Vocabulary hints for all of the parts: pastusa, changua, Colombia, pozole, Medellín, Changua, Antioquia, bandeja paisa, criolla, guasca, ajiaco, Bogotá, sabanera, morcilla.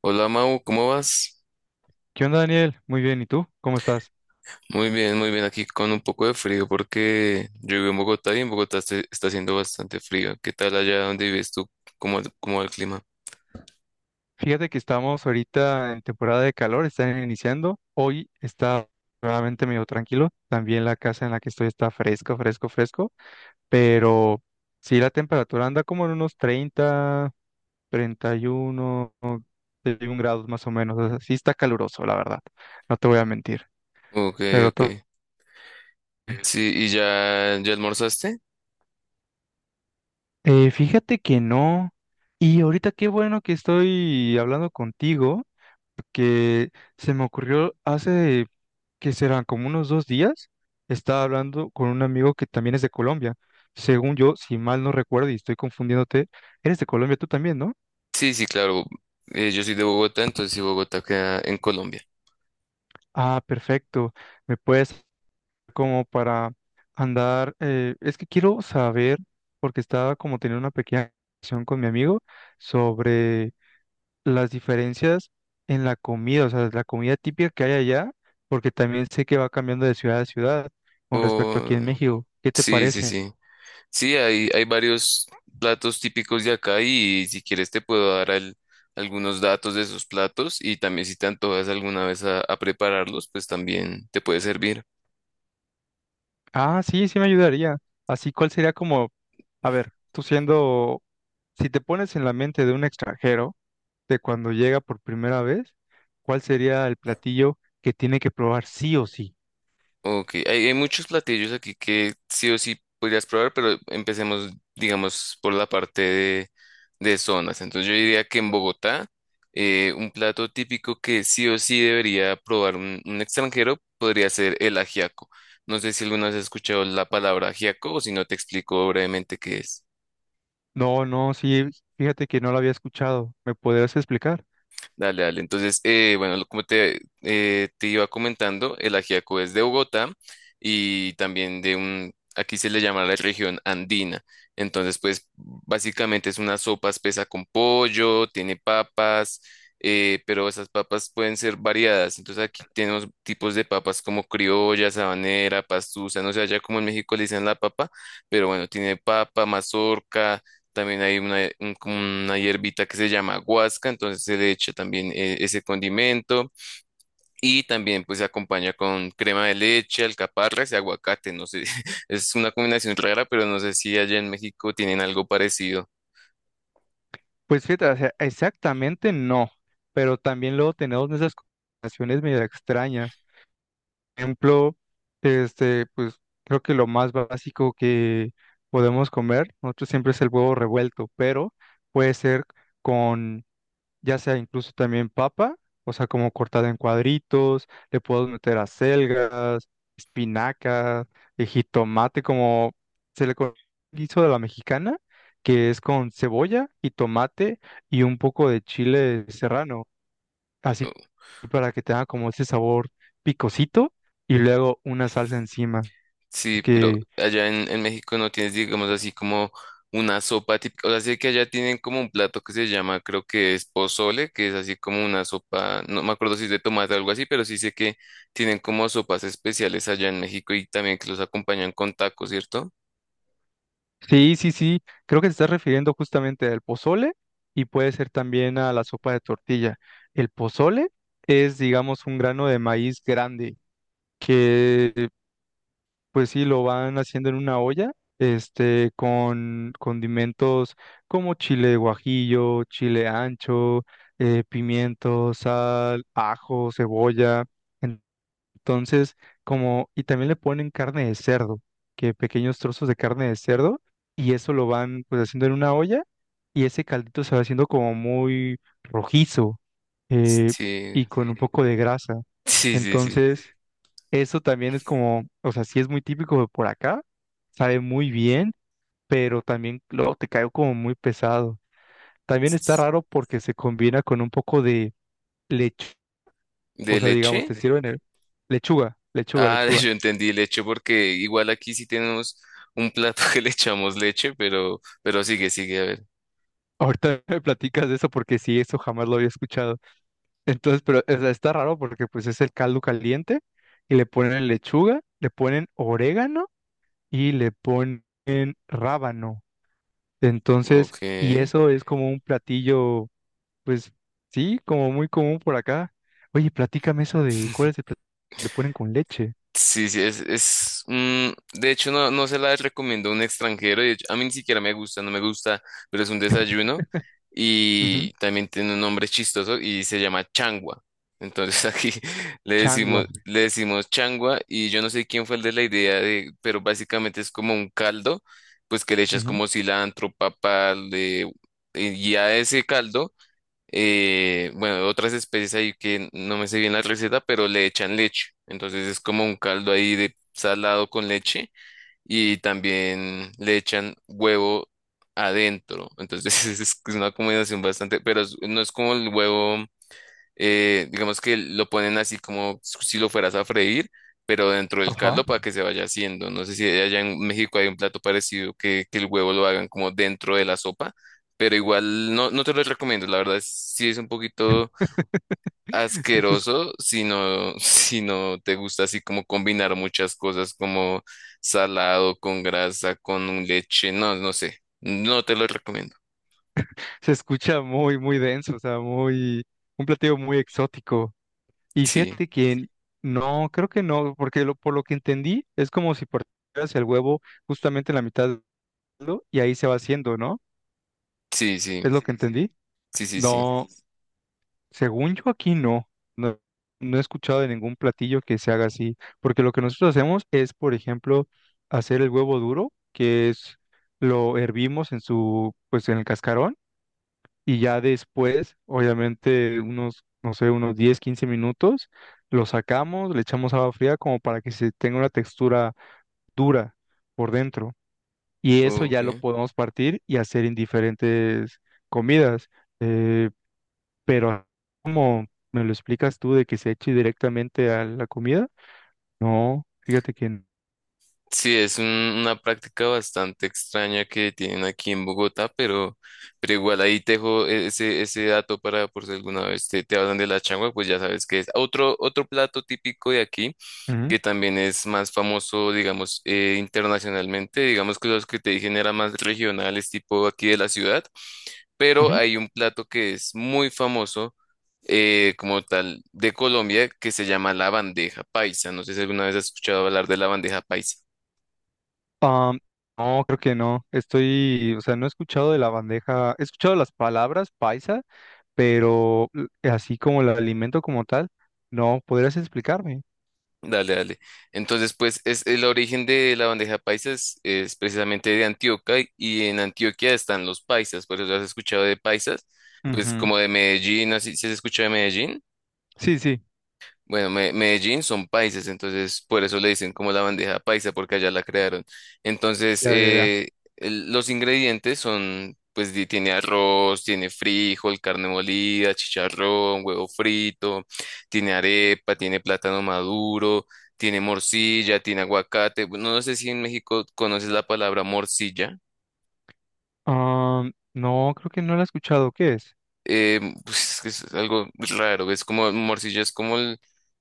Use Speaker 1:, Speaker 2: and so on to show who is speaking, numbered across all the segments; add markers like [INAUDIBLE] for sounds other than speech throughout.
Speaker 1: Hola Mau, ¿cómo vas?
Speaker 2: ¿Qué onda, Daniel? Muy bien, ¿y tú? ¿Cómo estás?
Speaker 1: Muy bien, muy bien. Aquí con un poco de frío porque yo vivo en Bogotá y en Bogotá está haciendo bastante frío. ¿Qué tal allá donde vives tú? ¿Cómo va el clima?
Speaker 2: Fíjate que estamos ahorita en temporada de calor, están iniciando. Hoy está realmente medio tranquilo. También la casa en la que estoy está fresco, fresco, fresco. Pero sí, la temperatura anda como en unos 30, 31, 31 grados más o menos. O sea, sí está caluroso, la verdad. No te voy a mentir.
Speaker 1: Ok,
Speaker 2: Pero
Speaker 1: ok.
Speaker 2: to-
Speaker 1: Sí, ¿y ya almorzaste?
Speaker 2: Fíjate que no. Y ahorita qué bueno que estoy hablando contigo. Que se me ocurrió hace que serán como unos 2 días, estaba hablando con un amigo que también es de Colombia. Según yo, si mal no recuerdo y estoy confundiéndote, eres de Colombia tú también, ¿no?
Speaker 1: Sí, sí, claro. Yo soy de Bogotá, entonces sí, Bogotá queda en Colombia.
Speaker 2: Ah, perfecto. Me puedes como para andar, es que quiero saber, porque estaba como teniendo una pequeña conversación con mi amigo sobre las diferencias en la comida, o sea, la comida típica que hay allá, porque también sé que va cambiando de ciudad a ciudad con respecto
Speaker 1: Oh,
Speaker 2: aquí en México. ¿Qué te
Speaker 1: sí, sí,
Speaker 2: parece?
Speaker 1: sí. Sí, hay varios platos típicos de acá y si quieres te puedo dar algunos datos de esos platos y también si te antojas alguna vez a prepararlos, pues también te puede servir.
Speaker 2: Ah, sí, sí me ayudaría. Así, cuál sería como, a ver, tú siendo, si te pones en la mente de un extranjero, de cuando llega por primera vez, ¿cuál sería el platillo que tiene que probar sí o sí?
Speaker 1: Ok, hay muchos platillos aquí que sí o sí podrías probar, pero empecemos, digamos, por la parte de zonas. Entonces yo diría que en Bogotá, un plato típico que sí o sí debería probar un extranjero podría ser el ajiaco. No sé si alguna vez has escuchado la palabra ajiaco o si no te explico brevemente qué es.
Speaker 2: No, no, sí, fíjate que no lo había escuchado. ¿Me podrías explicar?
Speaker 1: Dale, dale. Entonces, bueno, como te iba comentando, el ajiaco es de Bogotá y también aquí se le llama la región andina. Entonces, pues básicamente es una sopa espesa con pollo, tiene papas, pero esas papas pueden ser variadas. Entonces, aquí tenemos tipos de papas como criolla, sabanera, pastusa, no sé, allá como en México le dicen la papa, pero bueno, tiene papa, mazorca. También hay como una hierbita que se llama guasca, entonces se le echa también ese condimento y también pues se acompaña con crema de leche, alcaparras y aguacate. No sé, [LAUGHS] es una combinación rara, pero no sé si allá en México tienen algo parecido.
Speaker 2: Pues fíjate, o sea, exactamente no, pero también luego tenemos esas conversaciones medio extrañas. Por ejemplo, este, pues creo que lo más básico que podemos comer, nosotros siempre es el huevo revuelto, pero puede ser ya sea incluso también papa, o sea, como cortada en cuadritos, le puedo meter acelgas, espinacas, jitomate, como se le conoce guiso de la mexicana, que es con cebolla, jitomate y un poco de chile serrano, así para que tenga como ese sabor picosito y luego una salsa encima,
Speaker 1: Sí, pero
Speaker 2: que
Speaker 1: allá en México no tienes, digamos así, como una sopa típica. O sea, sé que allá tienen como un plato que se llama, creo que es pozole, que es así como una sopa, no me acuerdo si es de tomate o algo así, pero sí sé que tienen como sopas especiales allá en México y también que los acompañan con tacos, ¿cierto?
Speaker 2: Sí, sí, sí. Creo que te estás refiriendo justamente al pozole y puede ser también a la sopa de tortilla. El pozole es, digamos, un grano de maíz grande que, pues sí, lo van haciendo en una olla, con condimentos como chile de guajillo, chile ancho, pimiento, sal, ajo, cebolla. Entonces, como, y también le ponen carne de cerdo, que pequeños trozos de carne de cerdo, y eso lo van pues haciendo en una olla, y ese caldito se va haciendo como muy rojizo, eh,
Speaker 1: Sí,
Speaker 2: y con un poco de grasa.
Speaker 1: [LAUGHS] sí, sí, sí.
Speaker 2: Entonces, eso también es como, o sea, sí es muy típico de por acá, sabe muy bien, pero también luego te cae como muy pesado. También está raro porque se combina con un poco de leche, o
Speaker 1: ¿De
Speaker 2: sea, digamos,
Speaker 1: leche?
Speaker 2: te sirven lechuga, lechuga,
Speaker 1: Ah, [LAUGHS]
Speaker 2: lechuga.
Speaker 1: yo entendí leche porque igual aquí sí tenemos un plato [LAUGHS] que le echamos leche, pero sigue, sigue, a ver.
Speaker 2: Ahorita me platicas de eso porque sí, eso jamás lo había escuchado. Entonces, pero o sea, está raro porque pues es el caldo caliente y le ponen lechuga, le ponen orégano y le ponen rábano. Entonces,
Speaker 1: Ok.
Speaker 2: y eso es como un platillo, pues sí, como muy común por acá. Oye, platícame eso de cuál es el platillo que le ponen con leche.
Speaker 1: Sí, sí, es de hecho no, no se la recomiendo a un extranjero, de hecho, a mí ni siquiera me gusta, no me gusta, pero es un desayuno
Speaker 2: Ujú.
Speaker 1: y también tiene un nombre chistoso y se llama changua. Entonces [LAUGHS] aquí le
Speaker 2: Changua.
Speaker 1: decimos, le decimos changua y yo no sé quién fue el de la idea pero básicamente es como un caldo, pues que le echas
Speaker 2: Ujú.
Speaker 1: como cilantro, papa, y a ese caldo bueno, otras especies ahí que no me sé bien la receta, pero le echan leche. Entonces es como un caldo ahí de salado con leche y también le echan huevo adentro. Entonces [LAUGHS] es una combinación bastante, pero no es como el huevo digamos que lo ponen así como si lo fueras a freír, pero dentro del
Speaker 2: Ajá.
Speaker 1: caldo para que se vaya haciendo. No sé si allá en México hay un plato parecido que el huevo lo hagan como dentro de la sopa, pero igual no, no te lo recomiendo. La verdad, sí es un poquito
Speaker 2: [LAUGHS] Se, es-
Speaker 1: asqueroso si no, [LAUGHS] si no te gusta así como combinar muchas cosas como salado con grasa, con un leche. No, no sé. No te lo recomiendo.
Speaker 2: se escucha muy, muy denso, o sea, muy, un platillo muy exótico. Y
Speaker 1: Sí,
Speaker 2: fíjate que no, creo que no, porque lo, por lo que entendí es como si partieras el huevo justamente en la mitad, ¿no? Y ahí se va haciendo, ¿no?
Speaker 1: sí, sí,
Speaker 2: ¿Es lo Sí, que sí, entendí? Sí,
Speaker 1: sí, sí, sí.
Speaker 2: no, sí. Según yo aquí no, no, no he escuchado de ningún platillo que se haga así, porque lo que nosotros hacemos es, por ejemplo, hacer el huevo duro, que es lo hervimos en su, pues en el cascarón y ya después, obviamente, unos, no sé, unos 10 15 minutos, lo sacamos, le echamos agua fría como para que se tenga una textura dura por dentro. Y eso ya lo
Speaker 1: Ok.
Speaker 2: podemos partir y hacer en diferentes comidas. Eh, pero como me lo explicas tú de que se eche directamente a la comida, no, fíjate que.
Speaker 1: Sí, es una práctica bastante extraña que tienen aquí en Bogotá, pero igual ahí te dejo ese dato para por si alguna vez te hablan de la changua, pues ya sabes que es otro plato típico de aquí,
Speaker 2: Ujú,
Speaker 1: que también es más famoso, digamos, internacionalmente, digamos que los que te dije no eran más regionales, tipo aquí de la ciudad, pero
Speaker 2: ujú.
Speaker 1: hay un plato que es muy famoso, como tal de Colombia que se llama la bandeja paisa. No sé si alguna vez has escuchado hablar de la bandeja paisa.
Speaker 2: Am, no, creo que no. Estoy, o sea, no he escuchado de la bandeja, he escuchado las palabras paisa pero así como el alimento como tal, no, ¿podrías explicarme?
Speaker 1: Dale, dale. Entonces, pues es el origen de la bandeja paisa es precisamente de Antioquia y en Antioquia están los paisas, por eso has escuchado de paisas, pues
Speaker 2: Ujú.
Speaker 1: como de Medellín, así si has escuchado de Medellín.
Speaker 2: Sí, sí,
Speaker 1: Bueno, Medellín son paisas, entonces por eso le dicen como la bandeja paisa, porque allá la crearon. Entonces,
Speaker 2: ya, ya, ya.
Speaker 1: los ingredientes son, pues tiene arroz, tiene frijol, carne molida, chicharrón, huevo frito, tiene arepa, tiene plátano maduro, tiene morcilla, tiene aguacate. No, no sé si en México conoces la palabra morcilla.
Speaker 2: Ah, no, creo que no lo he escuchado. ¿Qué es?
Speaker 1: Pues es que es algo raro, es como morcilla, es como el,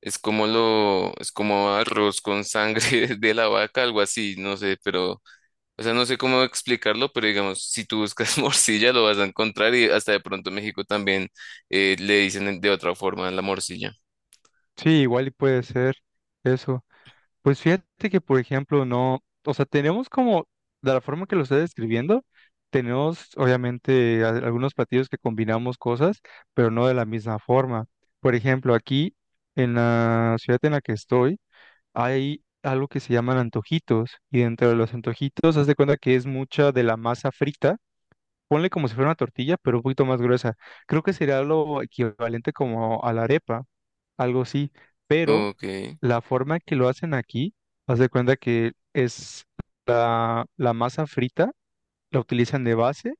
Speaker 1: es como lo, es como arroz con sangre [LAUGHS] de la vaca, algo así, no sé, pero, o sea, no sé cómo explicarlo, pero digamos, si tú buscas [LAUGHS] morcilla lo vas a encontrar y hasta de pronto en México también le dicen de otra forma a la morcilla.
Speaker 2: Sí, igual y puede ser eso. Pues fíjate que, por ejemplo, no, o sea, tenemos como, de la forma que lo estoy describiendo, tenemos obviamente algunos platillos que combinamos cosas, pero no de la misma forma. Por ejemplo, aquí en la ciudad en la que estoy, hay algo que se llaman antojitos y dentro de los antojitos haz de cuenta que es mucha de la masa frita. Ponle como si fuera una tortilla, pero un poquito más gruesa. Creo que sería lo equivalente como a la arepa, algo así, pero
Speaker 1: Ok.
Speaker 2: la forma que lo hacen aquí, haz de cuenta que es la masa frita, la utilizan de base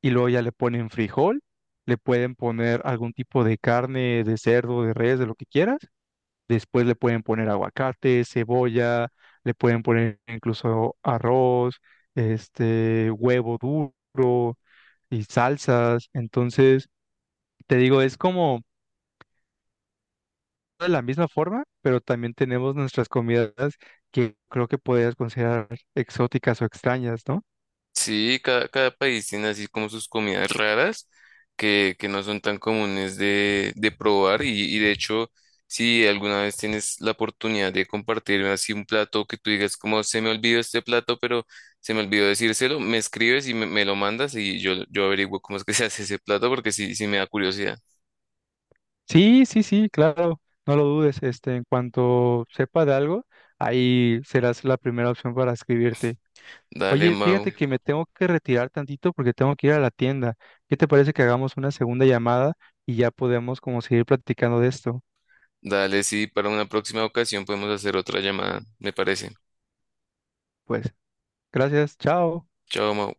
Speaker 2: y luego ya le ponen frijol, le pueden poner algún tipo de carne, de cerdo, de res, de lo que quieras. Después le pueden poner aguacate, cebolla, le pueden poner incluso arroz, huevo duro y salsas. Entonces, te digo, es como de la misma forma, pero también tenemos nuestras comidas que creo que podrías considerar exóticas o extrañas, ¿no?
Speaker 1: Sí, cada país tiene así como sus comidas raras que no son tan comunes de probar y de hecho, si alguna vez tienes la oportunidad de compartir así un plato que tú digas como se me olvidó este plato, pero se me olvidó decírselo, me escribes y me lo mandas y yo averiguo cómo es que [LAUGHS] se hace ese plato porque sí, sí me da curiosidad.
Speaker 2: Sí, sí, sí, claro, no lo dudes. En cuanto sepa de algo, ahí serás la primera opción para escribirte.
Speaker 1: Dale,
Speaker 2: Oye,
Speaker 1: Mau,
Speaker 2: fíjate que me tengo que retirar tantito porque tengo que ir a la tienda. ¿Qué te parece que hagamos una segunda llamada y ya podemos como seguir platicando de esto?
Speaker 1: dale, sí, para una próxima ocasión podemos hacer otra llamada, me parece.
Speaker 2: Pues, gracias, chao.
Speaker 1: Chao, Mau.